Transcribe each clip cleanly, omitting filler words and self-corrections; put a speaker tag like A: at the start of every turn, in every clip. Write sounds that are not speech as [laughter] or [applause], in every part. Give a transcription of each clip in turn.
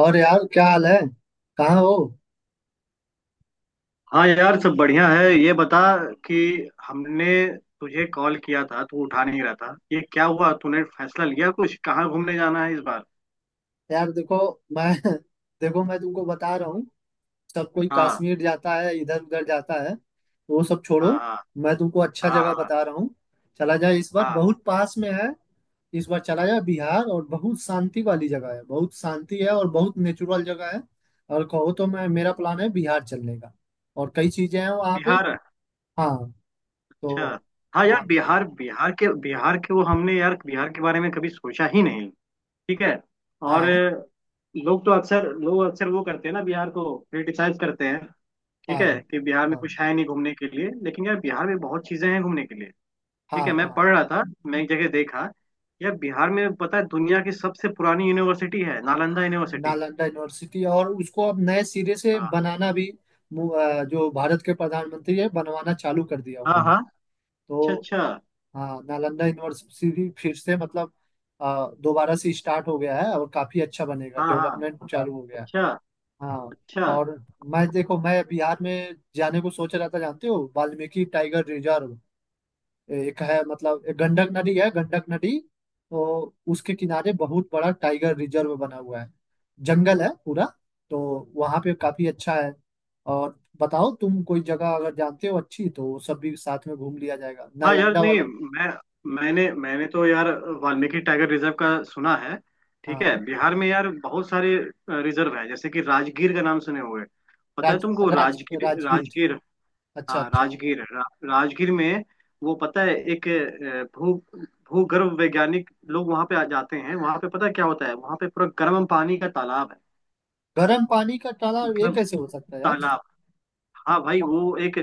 A: और यार, क्या हाल है। कहाँ हो।
B: हाँ यार, सब बढ़िया है। ये बता कि हमने तुझे कॉल किया था, तू उठा नहीं रहा था। ये क्या हुआ? तूने फैसला लिया कुछ, कहाँ घूमने जाना है इस बार?
A: यार देखो, मैं [laughs] देखो, मैं तुमको बता रहा हूँ। सब कोई
B: हाँ,
A: कश्मीर जाता है, इधर उधर जाता है। वो सब छोड़ो।
B: हाँ, हाँ,
A: मैं तुमको अच्छा
B: हाँ,
A: जगह
B: हाँ,
A: बता रहा हूँ। चला जाए, इस बार
B: हाँ।
A: बहुत पास में है। इस बार चला जाए बिहार, और बहुत शांति वाली जगह है, बहुत शांति है और बहुत नेचुरल जगह है। और कहो तो मैं मेरा प्लान है बिहार चलने का। और कई चीजें हैं वहाँ पे।
B: बिहार?
A: हाँ। तो।
B: अच्छा। हाँ
A: हाँ
B: यार, बिहार बिहार के वो, हमने यार बिहार के बारे में कभी सोचा ही नहीं। ठीक है। और
A: हाँ।
B: लोग अक्सर वो करते हैं ना, बिहार को क्रिटिसाइज करते हैं। ठीक
A: हाँ
B: है कि बिहार में
A: हाँ।
B: कुछ है नहीं घूमने के लिए, लेकिन यार बिहार में बहुत चीजें हैं घूमने के लिए।
A: हाँ
B: ठीक है। मैं
A: हाँ।
B: पढ़ रहा था, मैं एक जगह देखा। यह बिहार में, पता है, दुनिया की सबसे पुरानी यूनिवर्सिटी है, नालंदा यूनिवर्सिटी।
A: नालंदा यूनिवर्सिटी और उसको अब नए सिरे से
B: हाँ,
A: बनाना भी, जो भारत के प्रधानमंत्री है, बनवाना चालू कर दिया
B: हाँ,
A: उन्होंने।
B: हाँ। अच्छा,
A: तो।
B: अच्छा।
A: हाँ, नालंदा यूनिवर्सिटी फिर से मतलब, दोबारा से स्टार्ट हो गया है और काफी अच्छा बनेगा,
B: हाँ, हाँ।
A: डेवलपमेंट चालू हो गया है।
B: अच्छा,
A: हाँ।
B: अच्छा।
A: और मैं, देखो, मैं बिहार में जाने को सोच रहा था। जानते हो वाल्मीकि टाइगर रिजर्व एक है, मतलब एक गंडक नदी है, गंडक नदी। तो उसके किनारे बहुत बड़ा टाइगर रिजर्व बना हुआ है, जंगल है पूरा। तो वहां पे काफी अच्छा है। और बताओ, तुम कोई जगह अगर जानते हो अच्छी, तो वो सब भी साथ में घूम लिया जाएगा
B: हाँ यार,
A: नालंदा
B: नहीं,
A: वाला।
B: मैंने तो यार वाल्मीकि टाइगर रिजर्व का सुना है। ठीक है,
A: हाँ।
B: बिहार में यार बहुत सारे रिजर्व है, जैसे कि राजगीर का नाम सुने होंगे। पता है
A: राज
B: तुमको?
A: राज
B: राजगीर,
A: राजगीर।
B: राजगीर।
A: अच्छा
B: हाँ,
A: अच्छा।
B: राजगीर है। राजगीर में वो, पता है, एक भू भूगर्भ वैज्ञानिक लोग वहां पे आ जाते हैं। वहां पे पता है क्या होता है? वहां पे पूरा गर्म पानी का तालाब है।
A: गर्म पानी का तालाब, ये
B: मतलब,
A: कैसे हो सकता है यार?
B: तालाब। हाँ भाई, वो एक,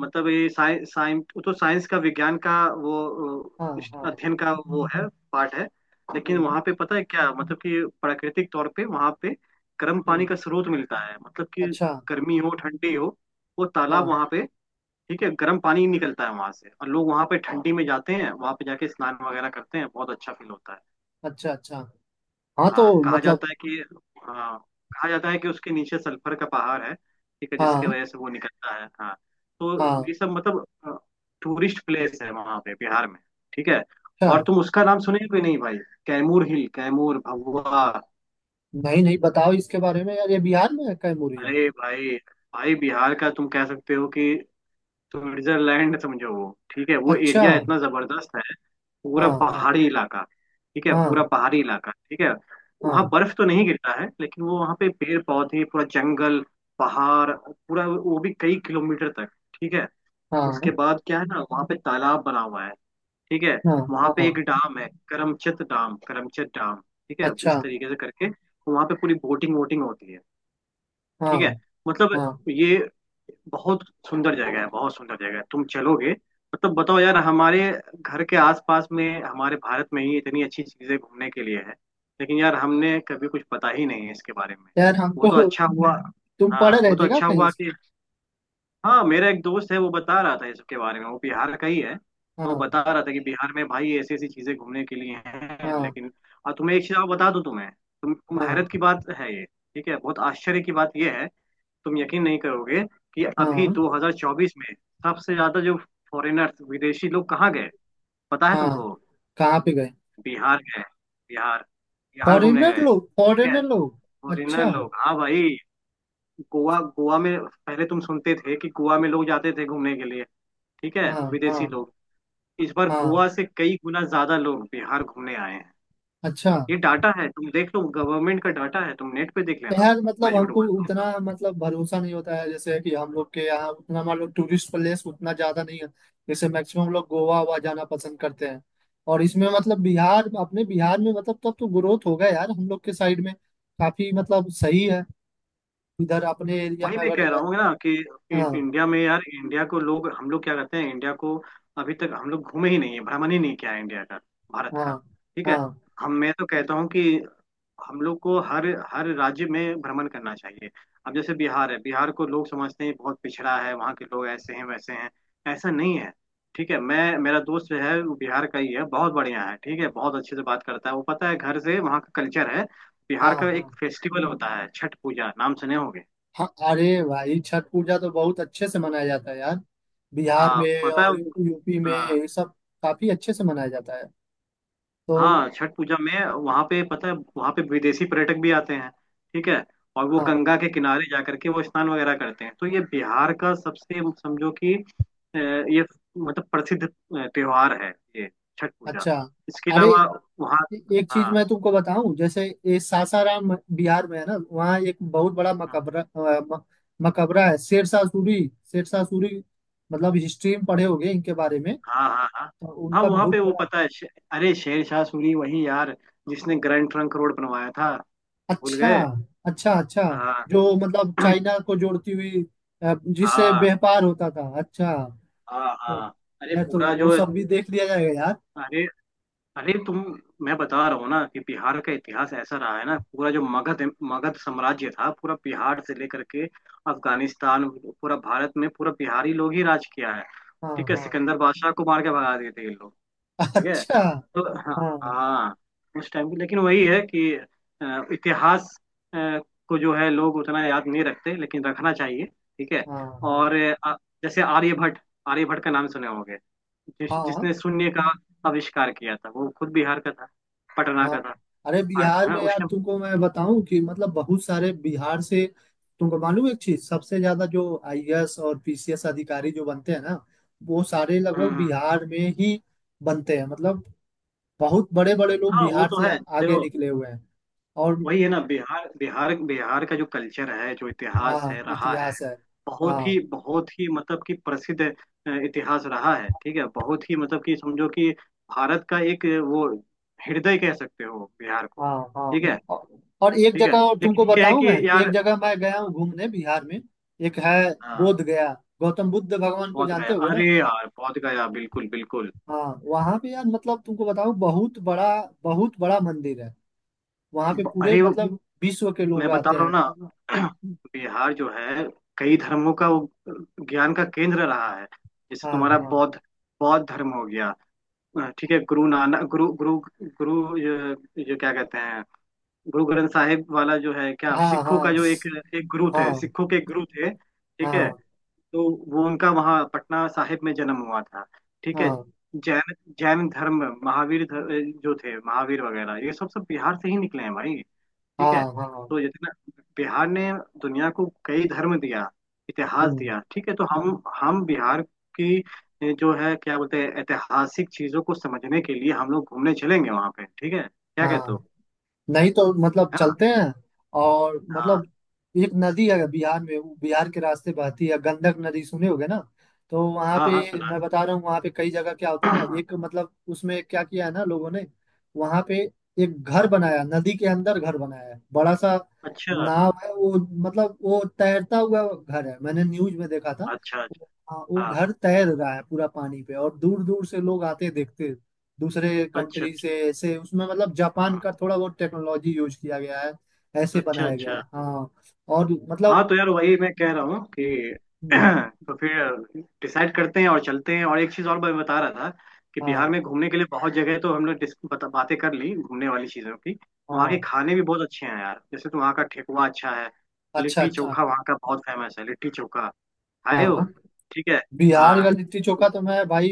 B: मतलब ये साइंस, वो तो साइंस का, विज्ञान का वो
A: हाँ
B: अ,
A: हाँ।
B: अध्ययन का वो है, पार्ट है। लेकिन
A: हम्म।
B: वहां पे पता है क्या, मतलब कि प्राकृतिक तौर पे वहां पे गर्म पानी
A: हम्म।
B: का स्रोत मिलता है, मतलब कि
A: अच्छा।
B: गर्मी हो, ठंडी हो, वो तालाब
A: हाँ।
B: वहां पे, ठीक है, गर्म पानी ही निकलता है वहां से। और लोग वहां पे ठंडी में जाते हैं, वहां पे जाके स्नान वगैरह करते हैं, बहुत अच्छा फील होता है।
A: अच्छा अच्छा। हाँ, तो
B: हाँ, कहा जाता
A: मतलब।
B: है कि, हाँ, कहा जाता है कि उसके नीचे सल्फर का पहाड़ है, ठीक है, जिसकी
A: हाँ
B: वजह से वो निकलता है। हाँ। तो
A: हाँ।
B: ये सब मतलब टूरिस्ट प्लेस है वहां पे, बिहार में। ठीक है।
A: अच्छा।
B: और तुम उसका नाम सुने भी नहीं भाई? कैमूर हिल, कैमूर, भभुआ।
A: नहीं नहीं, बताओ इसके बारे में यार, ये बिहार में है कैमूरिन?
B: अरे भाई, भाई बिहार का तुम कह सकते हो कि स्विट्जरलैंड समझो वो, ठीक है, वो
A: अच्छा।
B: एरिया इतना जबरदस्त है। पूरा
A: हाँ हाँ।
B: पहाड़ी इलाका। ठीक है।
A: हाँ
B: पूरा पहाड़ी इलाका। ठीक है।
A: हाँ।
B: वहाँ बर्फ तो नहीं गिरता है, लेकिन वो वहाँ पे पेड़ पौधे पूरा जंगल, पहाड़ पूरा, वो भी कई किलोमीटर तक। ठीक है। उसके
A: हाँ
B: बाद क्या है ना, वहाँ पे तालाब बना हुआ है। ठीक है।
A: हाँ।
B: वहाँ पे
A: हाँ।
B: एक डाम है, करमचत डाम, करमचत डाम। ठीक है,
A: अच्छा।
B: इस तरीके से करके वहाँ पे पूरी बोटिंग वोटिंग होती है।
A: हाँ
B: ठीक है, मतलब
A: हाँ।
B: ये बहुत सुंदर जगह है, बहुत सुंदर जगह है। तुम चलोगे? मतलब बताओ यार, हमारे घर के आसपास में, हमारे भारत में ही इतनी अच्छी चीजें घूमने के लिए है, लेकिन यार हमने कभी कुछ पता ही नहीं है इसके बारे में।
A: यार
B: वो
A: हमको।
B: तो अच्छा हुआ।
A: तुम पढ़
B: हाँ,
A: रहे
B: वो तो
A: थे क्या
B: अच्छा
A: कहीं
B: हुआ
A: से?
B: कि, हाँ, मेरा एक दोस्त है, वो बता रहा था इसके बारे में, वो बिहार का ही है। तो वो
A: हाँ
B: बता रहा था कि बिहार में भाई ऐसी ऐसी चीजें घूमने के लिए हैं,
A: हाँ।
B: लेकिन। और तुम्हें एक चीज और बता दूं, तुम्हें तुम
A: हाँ
B: हैरत की बात है ये, ठीक है, बहुत आश्चर्य की बात ये है। तुम यकीन नहीं करोगे कि अभी
A: हाँ।
B: 2024 में सबसे ज्यादा जो फॉरेनर्स, विदेशी लोग कहाँ गए? पता है
A: हाँ।
B: तुमको?
A: कहाँ पे गए?
B: बिहार गए। बिहार, बिहार घूमने
A: फॉरेनर
B: गए।
A: लोग
B: ठीक है।
A: फॉरेनर लोग।
B: फॉरेनर
A: अच्छा।
B: लोग, हाँ भाई। गोवा, गोवा में पहले तुम सुनते थे कि गोवा में लोग जाते थे घूमने के लिए, ठीक है,
A: हाँ
B: विदेशी
A: हाँ।
B: लोग। इस बार
A: हाँ।
B: गोवा से कई गुना ज्यादा लोग बिहार घूमने आए हैं।
A: अच्छा।
B: ये डाटा है, तुम देख लो। गवर्नमेंट का डाटा है, तुम नेट पे देख
A: तो
B: लेना।
A: यार
B: मैं
A: मतलब,
B: झूठ
A: हमको
B: बोल रहा
A: उतना
B: हूँ?
A: मतलब भरोसा नहीं होता है, जैसे कि हम लोग के यहाँ उतना मान लो, टूरिस्ट प्लेस उतना ज्यादा नहीं है। जैसे मैक्सिमम लोग गोवा हुआ जाना पसंद करते हैं। और इसमें मतलब बिहार अपने बिहार में मतलब, तब तो ग्रोथ होगा यार हम लोग के साइड में। काफी मतलब सही है। इधर अपने एरिया
B: वही
A: में
B: मैं
A: अगर।
B: कह रहा हूँ ना कि
A: हाँ।
B: इंडिया में यार, इंडिया को लोग, हम लोग क्या करते हैं इंडिया को? अभी तक हम लोग घूमे ही नहीं है, भ्रमण ही नहीं किया है इंडिया का, भारत
A: हाँ
B: का। ठीक है।
A: हाँ।
B: हम मैं तो कहता हूँ कि हम लोग को हर हर राज्य में भ्रमण करना चाहिए। अब जैसे बिहार है, बिहार को लोग समझते हैं बहुत पिछड़ा है, वहाँ के लोग ऐसे हैं वैसे हैं। ऐसा नहीं है। ठीक है। मैं मेरा दोस्त जो है, वो बिहार का ही है, बहुत बढ़िया है। ठीक है, बहुत अच्छे से बात करता है वो, पता है, घर से वहाँ का कल्चर है।
A: हाँ
B: बिहार का एक
A: हाँ।
B: फेस्टिवल होता है छठ पूजा, नाम सुने होंगे।
A: हाँ। अरे भाई, छठ पूजा तो बहुत अच्छे से मनाया जाता है यार, बिहार
B: हाँ,
A: में
B: पता है।
A: और यूपी में
B: हाँ,
A: ये सब काफी अच्छे से मनाया जाता है। तो।
B: हाँ। छठ पूजा में वहाँ पे, पता है, वहाँ पे विदेशी पर्यटक भी आते हैं। ठीक है। और वो
A: हाँ।
B: गंगा के किनारे जा करके वो स्नान वगैरह करते हैं, तो ये बिहार का सबसे, समझो कि ये, मतलब प्रसिद्ध त्योहार है ये, छठ पूजा।
A: अच्छा।
B: इसके
A: अरे
B: अलावा वहाँ,
A: एक चीज
B: हाँ,
A: मैं तुमको बताऊं, जैसे ये सासाराम बिहार में है ना, वहाँ एक बहुत बड़ा मकबरा मकबरा है, शेरशाह सूरी। शेरशाह सूरी मतलब हिस्ट्री में पढ़े होंगे इनके बारे में।
B: हाँ, हाँ, हाँ,
A: तो
B: हाँ।
A: उनका
B: वहाँ पे
A: बहुत
B: वो,
A: बड़ा।
B: पता है, अरे शेर शाह सूरी, वही यार जिसने ग्रैंड ट्रंक रोड बनवाया था, भूल
A: अच्छा
B: गए?
A: अच्छा। अच्छा।
B: हाँ।
A: जो मतलब
B: [clears throat]
A: चाइना को जोड़ती हुई, जिससे
B: हाँ,
A: व्यापार होता था। अच्छा।
B: हाँ,
A: तो
B: हाँ। अरे
A: यार तो
B: पूरा
A: वो
B: जो,
A: सब भी देख लिया जाएगा यार।
B: अरे, अरे तुम, मैं बता रहा हूँ ना कि बिहार का इतिहास ऐसा रहा है ना, पूरा जो मगध, मगध साम्राज्य था, पूरा बिहार से लेकर के अफगानिस्तान, पूरा भारत में पूरा बिहारी लोग ही राज किया है।
A: हाँ
B: ठीक है,
A: हाँ।
B: सिकंदर बादशाह को मार के भगा दिए थे ये लोग।
A: [laughs]
B: ठीक है।
A: अच्छा।
B: तो हाँ,
A: हाँ
B: हाँ, उस टाइम की। लेकिन वही है कि इतिहास अ, को जो है, लोग उतना याद नहीं रखते, लेकिन रखना चाहिए। ठीक है।
A: हाँ। हाँ
B: और जैसे आर्यभट्ट, आर्यभट्ट का नाम सुने होंगे, जिस,
A: हाँ।
B: जिसने शून्य का आविष्कार किया था, वो खुद बिहार का था, पटना का था।
A: हाँ। अरे, बिहार
B: हाँ,
A: में
B: उस
A: यार
B: टाइम।
A: तुमको मैं बताऊं कि मतलब बहुत सारे बिहार से, तुमको मालूम एक चीज, सबसे ज्यादा जो आईएएस और पीसीएस अधिकारी जो बनते हैं ना, वो सारे
B: हम्म,
A: लगभग बिहार में ही बनते हैं, मतलब बहुत बड़े बड़े लोग
B: हाँ, वो
A: बिहार
B: तो
A: से
B: है
A: आगे
B: देखो।
A: निकले हुए हैं। और
B: वही है ना, बिहार, बिहार, बिहार का जो कल्चर है, जो इतिहास
A: हाँ,
B: है रहा,
A: इतिहास है।
B: बहुत ही,
A: हाँ
B: बहुत ही, मतलब कि प्रसिद्ध इतिहास रहा है। ठीक है, बहुत ही, मतलब कि समझो कि भारत का एक वो, हृदय कह सकते हो बिहार को।
A: हाँ।
B: ठीक है।
A: हाँ। औ- और एक
B: ठीक है,
A: जगह और तुमको
B: लेकिन ये है
A: बताऊं मैं।
B: कि
A: एक
B: यार,
A: जगह मैं गया हूँ घूमने बिहार में, एक है
B: हाँ,
A: बोध गया। गौतम बुद्ध भगवान को
B: पहुंच
A: जानते
B: गया।
A: होगे
B: अरे
A: ना।
B: यार, पहुंच गया, बिल्कुल, बिल्कुल।
A: हाँ वहां पे यार मतलब तुमको बताऊं, बहुत बड़ा मंदिर है। वहां पे पूरे
B: अरे
A: मतलब विश्व के
B: मैं
A: लोग
B: बता
A: आते
B: रहा हूँ
A: हैं।
B: ना। [clears throat] बिहार जो है, कई धर्मों का वो, ज्ञान का केंद्र रहा है। जैसे
A: हाँ
B: तुम्हारा
A: हाँ।
B: बौद्ध, बौद्ध धर्म हो गया, ठीक है। गुरु नानक, गुरु, गुरु, गुरु, ये क्या कहते हैं, गुरु ग्रंथ साहिब वाला जो है, क्या,
A: हाँ
B: सिखों का
A: हाँ।
B: जो एक एक गुरु थे,
A: हाँ
B: सिखों के एक गुरु थे। ठीक है।
A: हाँ।
B: तो वो उनका वहाँ पटना साहिब में जन्म हुआ था। ठीक है।
A: हाँ
B: जैन, जैन धर्म, महावीर धर्म जो थे, महावीर वगैरह, ये सब सब बिहार से ही निकले हैं भाई। ठीक
A: हाँ।
B: है।
A: हाँ।
B: तो जितना बिहार ने दुनिया को कई धर्म दिया, इतिहास
A: हम्म,
B: दिया, ठीक है, तो हम बिहार की जो है, क्या बोलते हैं, ऐतिहासिक चीजों को समझने के लिए हम लोग घूमने चलेंगे वहां पे। ठीक है, क्या कहते
A: हाँ।
B: हो?
A: नहीं तो मतलब
B: है ना?
A: चलते हैं। और
B: हाँ,
A: मतलब एक नदी है बिहार में, वो बिहार के रास्ते बहती है, गंडक नदी सुने होगे ना। तो वहाँ
B: हाँ, हाँ।
A: पे मैं बता रहा हूँ, वहाँ पे कई जगह क्या होता है ना,
B: अच्छा,
A: एक मतलब उसमें क्या किया है ना लोगों ने, वहाँ पे एक घर बनाया नदी के अंदर, घर बनाया है बड़ा सा,
B: अच्छा,
A: नाव है वो। मतलब वो तैरता हुआ घर है, मैंने न्यूज में देखा था।
B: अच्छा।
A: हाँ, वो
B: हाँ,
A: घर तैर रहा है पूरा पानी पे और दूर दूर से लोग आते देखते दूसरे
B: अच्छा,
A: कंट्री
B: अच्छा।
A: से, ऐसे उसमें मतलब जापान
B: हाँ,
A: का थोड़ा बहुत टेक्नोलॉजी यूज किया गया है, ऐसे
B: अच्छा,
A: बनाया गया है।
B: अच्छा।
A: हाँ। और
B: हाँ,
A: मतलब।
B: तो यार वही मैं कह रहा हूँ कि [clears throat]
A: हम्म,
B: तो फिर डिसाइड करते हैं और चलते हैं, और एक चीज़ और मैं बता रहा था कि बिहार
A: हाँ
B: में घूमने के लिए बहुत जगह है, तो हम लोग बातें कर ली घूमने वाली चीज़ों की। वहाँ
A: हाँ।
B: के खाने भी बहुत अच्छे हैं यार, जैसे तो वहाँ का ठेकुआ अच्छा है,
A: अच्छा
B: लिट्टी
A: अच्छा।
B: चोखा वहाँ का बहुत फेमस है। लिट्टी चोखा खाए हो?
A: हाँ।
B: ठीक है।
A: बिहार
B: हाँ,
A: का लिट्टी चोखा तो मैं भाई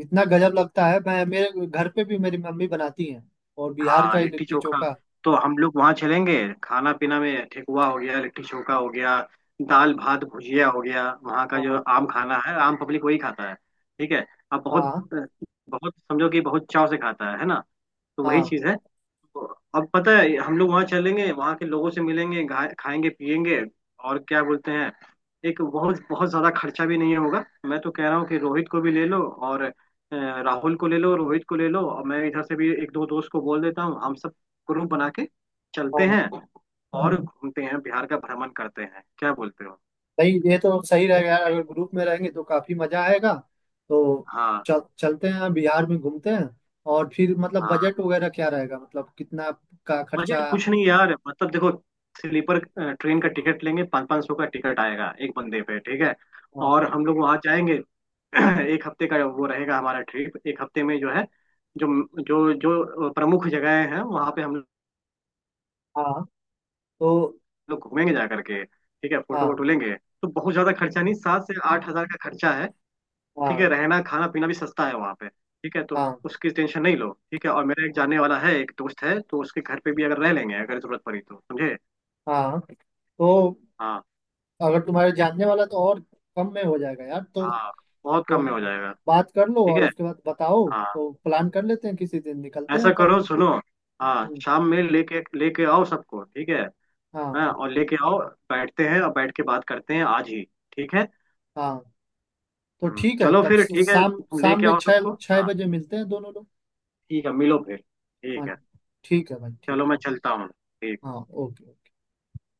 A: इतना गजब लगता है, मैं मेरे घर पे भी मेरी मम्मी बनाती हैं और बिहार का
B: हाँ,
A: ही
B: लिट्टी
A: लिट्टी
B: चोखा।
A: चोखा।
B: तो हम लोग वहाँ चलेंगे, खाना पीना में ठेकुआ हो गया, लिट्टी चोखा हो गया, दाल भात भुजिया हो गया, वहाँ का जो
A: हाँ
B: आम खाना है, आम पब्लिक वही खाता है। ठीक है। अब बहुत
A: हाँ।
B: बहुत समझो कि बहुत चाव से खाता है ना। तो वही
A: हाँ
B: चीज़ है। अब पता है हम लोग वहां चलेंगे, वहां के लोगों से मिलेंगे, खाएंगे, पिएंगे, और क्या बोलते हैं, एक बहुत बहुत ज्यादा खर्चा भी नहीं होगा। मैं तो कह रहा हूँ कि रोहित को भी ले लो, और राहुल को ले लो, रोहित को ले लो, और मैं इधर से भी एक दो दोस्त को बोल देता हूँ। हम सब ग्रुप बना के चलते
A: हाँ।
B: हैं और घूमते हैं, बिहार का भ्रमण करते हैं, क्या बोलते हो?
A: सही, ये तो सही रहेगा यार, अगर ग्रुप में रहेंगे तो काफी मजा आएगा। तो
B: हाँ,
A: चल चलते हैं बिहार में घूमते हैं। और फिर मतलब
B: हाँ।
A: बजट वगैरह क्या रहेगा, मतलब कितना का खर्चा।
B: बजट कुछ नहीं यार, मतलब देखो, स्लीपर ट्रेन का टिकट लेंगे, 500-500 का टिकट आएगा एक बंदे पे। ठीक है,
A: हाँ
B: और हम लोग वहां जाएंगे। [clears throat] एक हफ्ते का वो रहेगा हमारा ट्रिप, एक हफ्ते में जो है, जो जो जो प्रमुख जगहें हैं वहाँ पे, हम
A: हाँ। तो।
B: लोग घूमेंगे जा करके, ठीक है, फोटो वोटो
A: हाँ
B: लेंगे। तो बहुत ज्यादा खर्चा नहीं, 7 से 8 हजार का खर्चा है। ठीक
A: हाँ।
B: है, रहना खाना पीना भी सस्ता है वहाँ पे। ठीक है, तो
A: हाँ
B: उसकी टेंशन नहीं लो। ठीक है, और मेरा एक जानने वाला है, एक दोस्त है, तो उसके घर पे भी अगर रह लेंगे, अगर जरूरत पड़ी तो, समझे?
A: हाँ। तो
B: हाँ,
A: अगर तुम्हारे जानने वाला तो और कम में हो जाएगा यार। तो
B: हाँ, बहुत
A: तो
B: कम में हो जाएगा।
A: बात कर लो
B: ठीक
A: और
B: है।
A: उसके बाद बताओ,
B: हाँ,
A: तो प्लान कर लेते हैं, किसी दिन निकलते हैं
B: ऐसा
A: तब।
B: करो, सुनो, हाँ,
A: हम्म,
B: शाम में लेके लेके आओ सबको। ठीक है।
A: हाँ।
B: हाँ, और लेके आओ, बैठते हैं और बैठ के बात करते हैं आज ही। ठीक है।
A: हाँ। तो ठीक है,
B: चलो
A: तब
B: फिर, ठीक है,
A: शाम
B: तुम
A: शाम
B: लेके
A: में
B: आओ
A: छः
B: सबको।
A: छः
B: हाँ।
A: बजे मिलते हैं दोनों लोग।
B: ठीक है, मिलो फिर।
A: हाँ।
B: ठीक है।
A: ठीक है भाई, ठीक
B: चलो,
A: है
B: मैं
A: ओके।
B: चलता हूँ। ठीक।
A: हाँ ओके।